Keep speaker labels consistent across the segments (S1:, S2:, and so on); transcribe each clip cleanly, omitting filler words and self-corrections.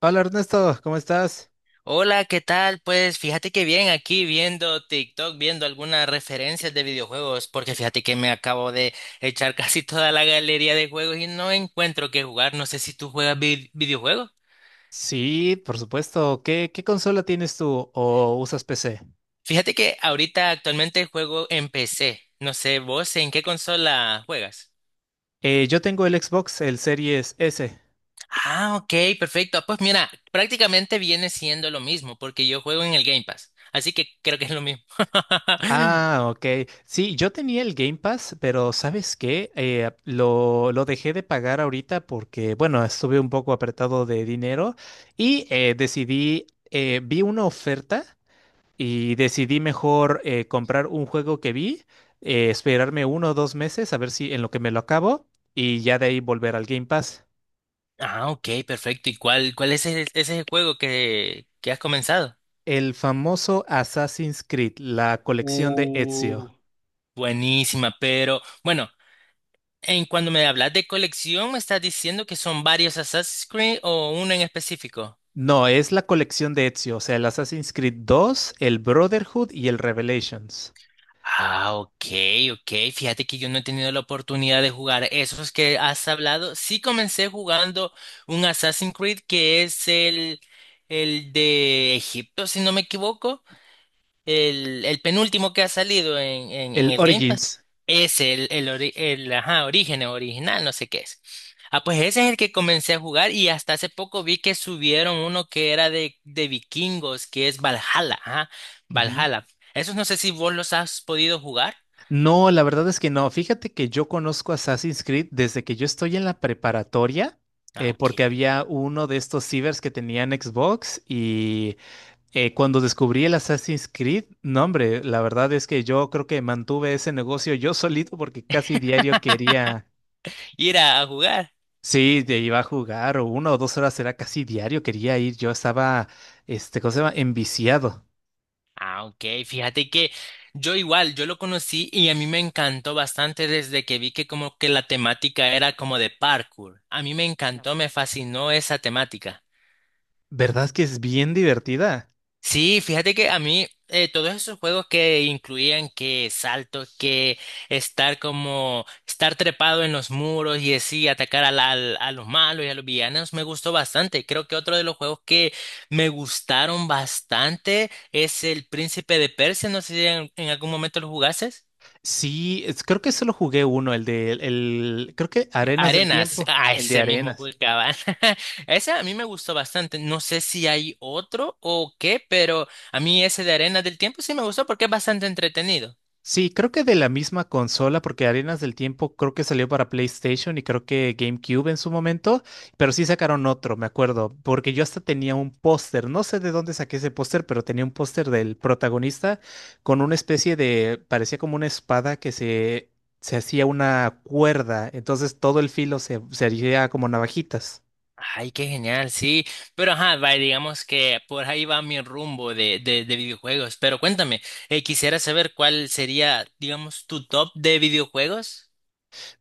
S1: Hola Ernesto, ¿cómo estás?
S2: Hola, ¿qué tal? Pues fíjate que bien aquí viendo TikTok, viendo algunas referencias de videojuegos, porque fíjate que me acabo de echar casi toda la galería de juegos y no encuentro qué jugar. No sé si tú juegas videojuegos.
S1: Sí, por supuesto. ¿Qué consola tienes tú o usas PC?
S2: Fíjate que ahorita actualmente juego en PC. No sé, vos en qué consola juegas.
S1: Yo tengo el Xbox, el Series S.
S2: Ah, ok, perfecto. Pues mira, prácticamente viene siendo lo mismo, porque yo juego en el Game Pass, así que creo que es lo mismo.
S1: Ah, ok. Sí, yo tenía el Game Pass, pero ¿sabes qué? Lo dejé de pagar ahorita porque, bueno, estuve un poco apretado de dinero y decidí, vi una oferta. Y decidí mejor comprar un juego que vi, esperarme uno o dos meses a ver si en lo que me lo acabo y ya de ahí volver al Game Pass.
S2: Ah, ok, perfecto. ¿Y cuál es ese es el juego que has comenzado?
S1: El famoso Assassin's Creed, la colección de
S2: Uh,
S1: Ezio.
S2: Buenísima, pero bueno, en cuando me hablas de colección, ¿me estás diciendo que son varios Assassin's Creed o uno en específico?
S1: No, es la colección de Ezio, o sea, el Assassin's Creed dos, el Brotherhood y el Revelations.
S2: Ah, ok, ok. Fíjate que yo no he tenido la oportunidad de jugar esos que has hablado. Sí comencé jugando un Assassin's Creed que es el de Egipto, si no me equivoco. El penúltimo que ha salido en
S1: El
S2: el Game Pass
S1: Origins.
S2: es el, ajá, origen original, no sé qué es. Ah, pues ese es el que comencé a jugar y hasta hace poco vi que subieron uno que era de vikingos, que es Valhalla, ajá,
S1: Ujú.
S2: Valhalla. Esos no sé si vos los has podido jugar.
S1: No, la verdad es que no. Fíjate que yo conozco Assassin's Creed desde que yo estoy en la preparatoria,
S2: Ah,
S1: porque
S2: ok.
S1: había uno de estos cibers que tenían Xbox y cuando descubrí el Assassin's Creed, no, hombre, la verdad es que yo creo que mantuve ese negocio yo solito porque casi diario quería,
S2: Ir a jugar.
S1: sí, de iba a jugar o una o dos horas era casi diario, quería ir, yo estaba, este, ¿cómo se llama? Enviciado.
S2: Ah, ok. Fíjate que yo igual, yo lo conocí y a mí me encantó bastante desde que vi que como que la temática era como de parkour. A mí me encantó, me fascinó esa temática.
S1: ¿Verdad que es bien divertida?
S2: Sí, fíjate que a mí todos esos juegos que incluían que salto, que estar como estar trepado en los muros y así atacar a los malos y a los villanos me gustó bastante. Creo que otro de los juegos que me gustaron bastante es el Príncipe de Persia. No sé si en algún momento lo jugases.
S1: Sí, creo que solo jugué uno, el de el, creo que Arenas del
S2: Arenas,
S1: Tiempo,
S2: ah,
S1: el de
S2: ese mismo
S1: Arenas.
S2: juego cabal. Ese a mí me gustó bastante. No sé si hay otro o qué, pero a mí ese de Arenas del Tiempo sí me gustó porque es bastante entretenido.
S1: Sí, creo que de la misma consola, porque Arenas del Tiempo creo que salió para PlayStation y creo que GameCube en su momento, pero sí sacaron otro, me acuerdo, porque yo hasta tenía un póster, no sé de dónde saqué ese póster, pero tenía un póster del protagonista con una especie de, parecía como una espada que se hacía una cuerda, entonces todo el filo se, se haría como navajitas.
S2: Ay, qué genial, sí. Pero ajá, va, digamos que por ahí va mi rumbo de videojuegos. Pero cuéntame, quisiera saber cuál sería, digamos, tu top de videojuegos.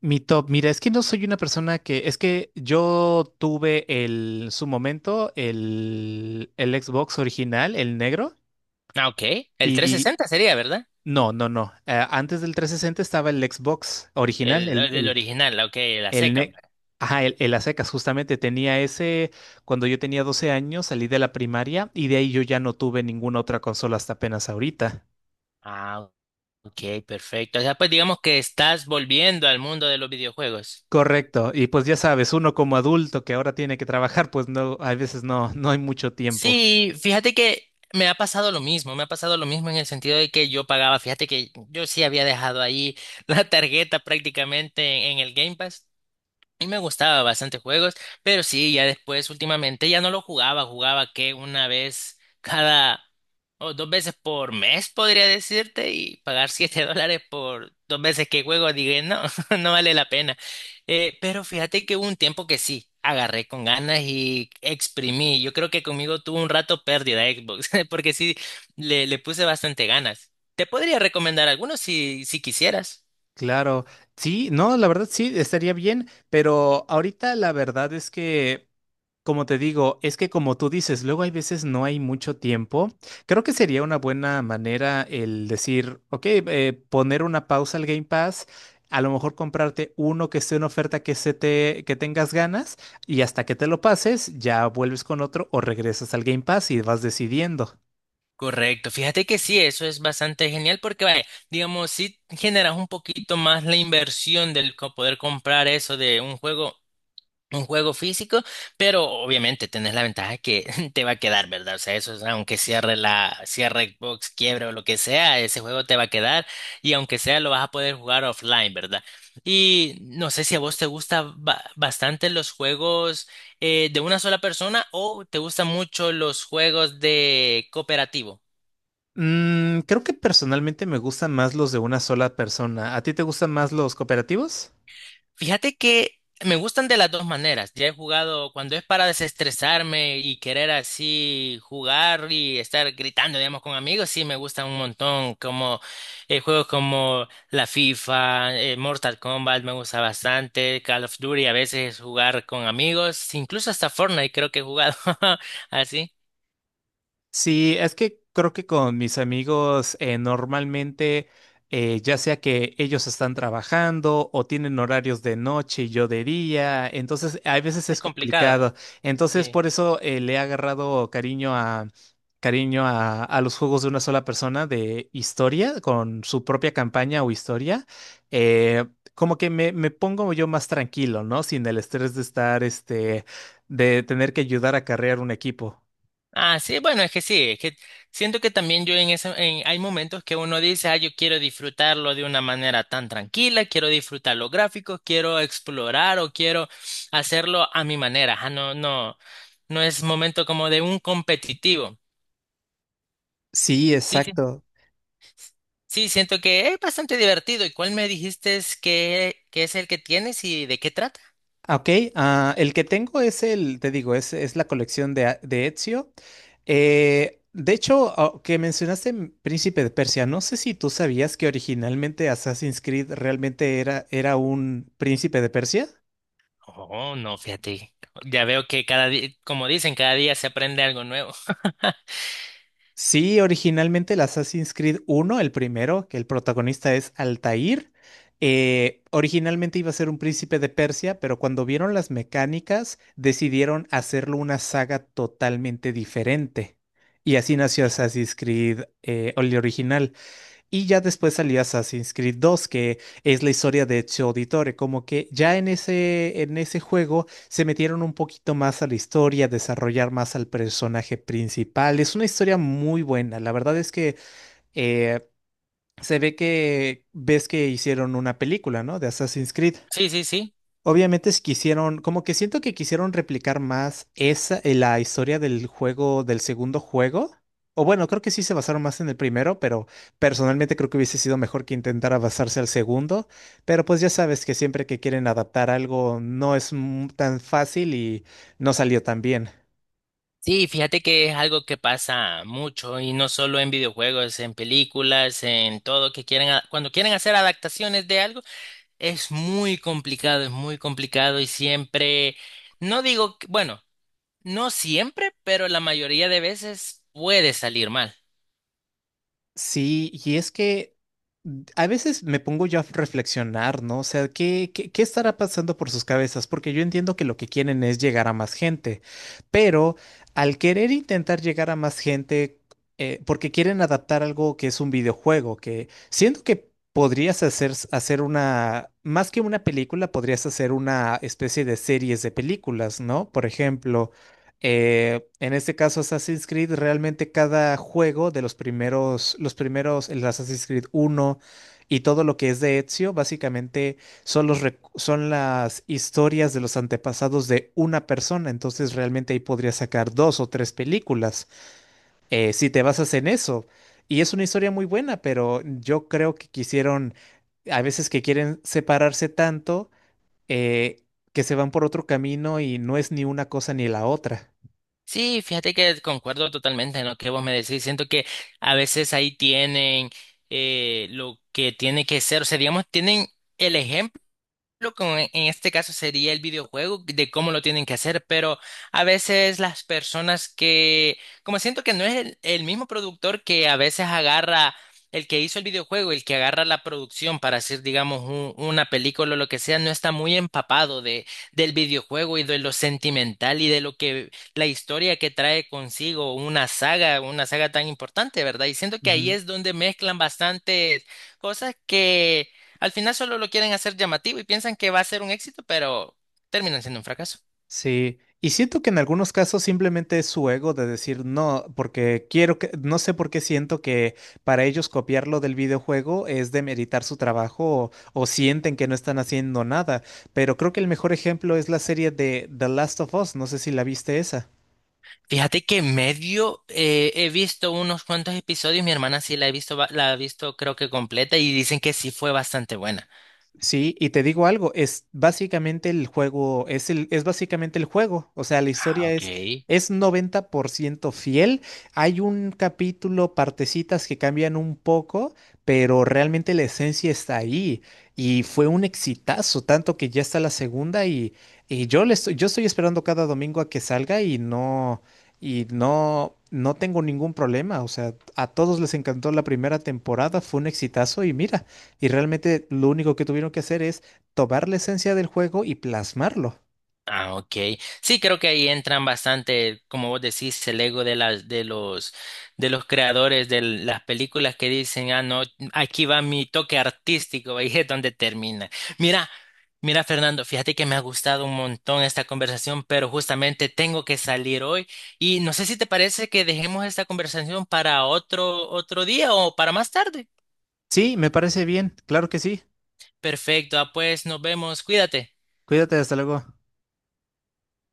S1: Mi top, mira, es que no soy una persona que, es que yo tuve el, en su momento, el Xbox original, el negro,
S2: Ah, ok. El trescientos
S1: y
S2: sesenta sería, ¿verdad?
S1: no, no, no. Antes del 360 estaba el Xbox original,
S2: El, el del original, ok, la
S1: el
S2: seca.
S1: negro. Ajá, el a secas, justamente tenía ese, cuando yo tenía 12 años, salí de la primaria y de ahí yo ya no tuve ninguna otra consola hasta apenas ahorita.
S2: Ah, ok, perfecto. O sea, pues digamos que estás volviendo al mundo de los videojuegos.
S1: Correcto, y pues ya sabes, uno como adulto que ahora tiene que trabajar, pues no, a veces no, no hay mucho tiempo.
S2: Sí, fíjate que me ha pasado lo mismo, me ha pasado lo mismo en el sentido de que yo pagaba, fíjate que yo sí había dejado ahí la tarjeta prácticamente en el Game Pass. Y me gustaba bastante juegos, pero sí, ya después últimamente ya no lo jugaba, jugaba que una vez cada o dos veces por mes, podría decirte, y pagar $7 por dos veces que juego, dije, no, no vale la pena. Pero fíjate que hubo un tiempo que sí, agarré con ganas y exprimí. Yo creo que conmigo tuvo un rato pérdida Xbox, porque sí, le puse bastante ganas. Te podría recomendar algunos si quisieras.
S1: Claro, sí, no, la verdad sí, estaría bien, pero ahorita la verdad es que, como te digo, es que como tú dices, luego hay veces no hay mucho tiempo. Creo que sería una buena manera el decir, ok, poner una pausa al Game Pass, a lo mejor comprarte uno que esté en oferta que se te, que tengas ganas y hasta que te lo pases, ya vuelves con otro o regresas al Game Pass y vas decidiendo.
S2: Correcto, fíjate que sí, eso es bastante genial porque, vaya, digamos, si generas un poquito más la inversión del poder comprar eso de un juego físico, pero obviamente tenés la ventaja que te va a quedar, ¿verdad? O sea, eso es, aunque cierre cierre Xbox, quiebre o lo que sea, ese juego te va a quedar y aunque sea lo vas a poder jugar offline, ¿verdad? Y no sé si a vos te gustan bastante los juegos de una sola persona o te gustan mucho los juegos de cooperativo.
S1: Mm, creo que personalmente me gustan más los de una sola persona. ¿A ti te gustan más los cooperativos?
S2: Fíjate que me gustan de las dos maneras. Ya he jugado cuando es para desestresarme y querer así jugar y estar gritando, digamos, con amigos. Sí, me gustan un montón, como juegos como la FIFA, Mortal Kombat, me gusta bastante. Call of Duty, a veces jugar con amigos, incluso hasta Fortnite creo que he jugado así.
S1: Sí, es que creo que con mis amigos normalmente, ya sea que ellos están trabajando o tienen horarios de noche y yo de día, entonces a veces
S2: Es
S1: es
S2: complicado.
S1: complicado. Entonces
S2: Sí.
S1: por eso le he agarrado cariño a cariño a los juegos de una sola persona de historia, con su propia campaña o historia. Eh, Como que me pongo yo más tranquilo, ¿no? Sin el estrés de estar, este, de tener que ayudar a carrear un equipo.
S2: Ah, sí, bueno, es que sí, es que siento que también yo en esa, hay momentos que uno dice, ah, yo quiero disfrutarlo de una manera tan tranquila, quiero disfrutar los gráficos, quiero explorar o quiero hacerlo a mi manera. Ah, no, no, no es momento como de un competitivo.
S1: Sí,
S2: Sí, sí,
S1: exacto.
S2: sí, siento que es bastante divertido. ¿Y cuál me dijiste es que es el que tienes y de qué trata?
S1: Ah, ok, ah, el que tengo es el, te digo, es la colección de, de Ezio. De hecho, ah, que mencionaste Príncipe de Persia, no sé si tú sabías que originalmente Assassin's Creed realmente era, era un Príncipe de Persia.
S2: Oh, no, fíjate, ya veo que cada día, como dicen, cada día se aprende algo nuevo.
S1: Sí, originalmente el Assassin's Creed uno, el primero, que el protagonista es Altair, originalmente iba a ser un príncipe de Persia, pero cuando vieron las mecánicas decidieron hacerlo una saga totalmente diferente. Y así nació Assassin's Creed, el original. Y ya después salía Assassin's Creed 2, que es la historia de Ezio Auditore. Como que ya en ese juego se metieron un poquito más a la historia, desarrollar más al personaje principal. Es una historia muy buena. La verdad es que eh, se ve que ves que hicieron una película, ¿no? De Assassin's Creed.
S2: Sí, sí, sí. Sí.
S1: Obviamente es quisieron, como que siento que quisieron replicar más esa, la historia del juego, del segundo juego. O bueno, creo que sí se basaron más en el primero, pero personalmente creo que hubiese sido mejor que intentara basarse al segundo. Pero pues ya sabes que siempre que quieren adaptar algo no es tan fácil y no salió tan bien.
S2: Sí, fíjate que es algo que pasa mucho y no solo en videojuegos, en películas, en todo que quieren, cuando quieren hacer adaptaciones de algo, es muy complicado y siempre, no digo, bueno, no siempre, pero la mayoría de veces puede salir mal.
S1: Sí, y es que mm, a veces me pongo yo a reflexionar, ¿no? O sea, ¿qué estará pasando por sus cabezas? Porque yo entiendo que lo que quieren es llegar a más gente, pero al querer intentar llegar a más gente, porque quieren adaptar algo que es un videojuego, que siento que podrías hacer, hacer una, más que una película, podrías hacer una especie de series de películas, ¿no? Por ejemplo. En este caso, Assassin's Creed, realmente cada juego de los primeros, el Assassin's Creed uno y todo lo que es de Ezio, básicamente son los, son las historias de los antepasados de una persona. Entonces, realmente ahí podrías sacar dos o tres películas si te basas en eso. Y es una historia muy buena, pero yo creo que quisieron, a veces que quieren separarse tanto, eh, que se van por otro camino y no es ni una cosa ni la otra.
S2: Sí, fíjate que concuerdo totalmente en lo que vos me decís, siento que a veces ahí tienen lo que tiene que ser, o sea, digamos, tienen... El ejemplo lo que en este caso sería el videojuego, de cómo lo tienen que hacer, pero a veces las personas que, como siento que no es el mismo productor que a veces agarra el que hizo el videojuego, el que agarra la producción para hacer, digamos, una película o lo que sea, no está muy empapado del videojuego y de lo sentimental y de lo que la historia que trae consigo una saga tan importante, ¿verdad? Y siento que ahí es donde mezclan bastantes cosas que al final solo lo quieren hacer llamativo y piensan que va a ser un éxito, pero terminan siendo un fracaso.
S1: Sí, y siento que en algunos casos simplemente es su ego de decir no, porque quiero que, no sé por qué siento que para ellos copiarlo del videojuego es demeritar su trabajo o sienten que no están haciendo nada, pero creo que el mejor ejemplo es la serie de The Last of Us, no sé si la viste esa.
S2: Fíjate que medio he visto unos cuantos episodios, mi hermana sí la he visto, la ha visto creo que completa y dicen que sí fue bastante buena.
S1: Sí, y te digo algo, es básicamente el juego, es el, es básicamente el juego, o sea, la
S2: Ah,
S1: historia
S2: ok.
S1: es 90% fiel, hay un capítulo, partecitas que cambian un poco, pero realmente la esencia está ahí, y fue un exitazo, tanto que ya está la segunda, y yo le estoy, yo estoy esperando cada domingo a que salga, y no, no tengo ningún problema, o sea, a todos les encantó la primera temporada, fue un exitazo, y mira. Y realmente lo único que tuvieron que hacer es tomar la esencia del juego y plasmarlo.
S2: Ah, ok. Sí, creo que ahí entran bastante, como vos decís, el ego de los creadores de las películas que dicen, ah, no, aquí va mi toque artístico, ahí es donde termina. Mira, mira, Fernando, fíjate que me ha gustado un montón esta conversación, pero justamente tengo que salir hoy y no sé si te parece que dejemos esta conversación para otro día o para más tarde.
S1: Sí, me parece bien, claro que sí.
S2: Perfecto, ah, pues nos vemos, cuídate.
S1: Cuídate, hasta luego.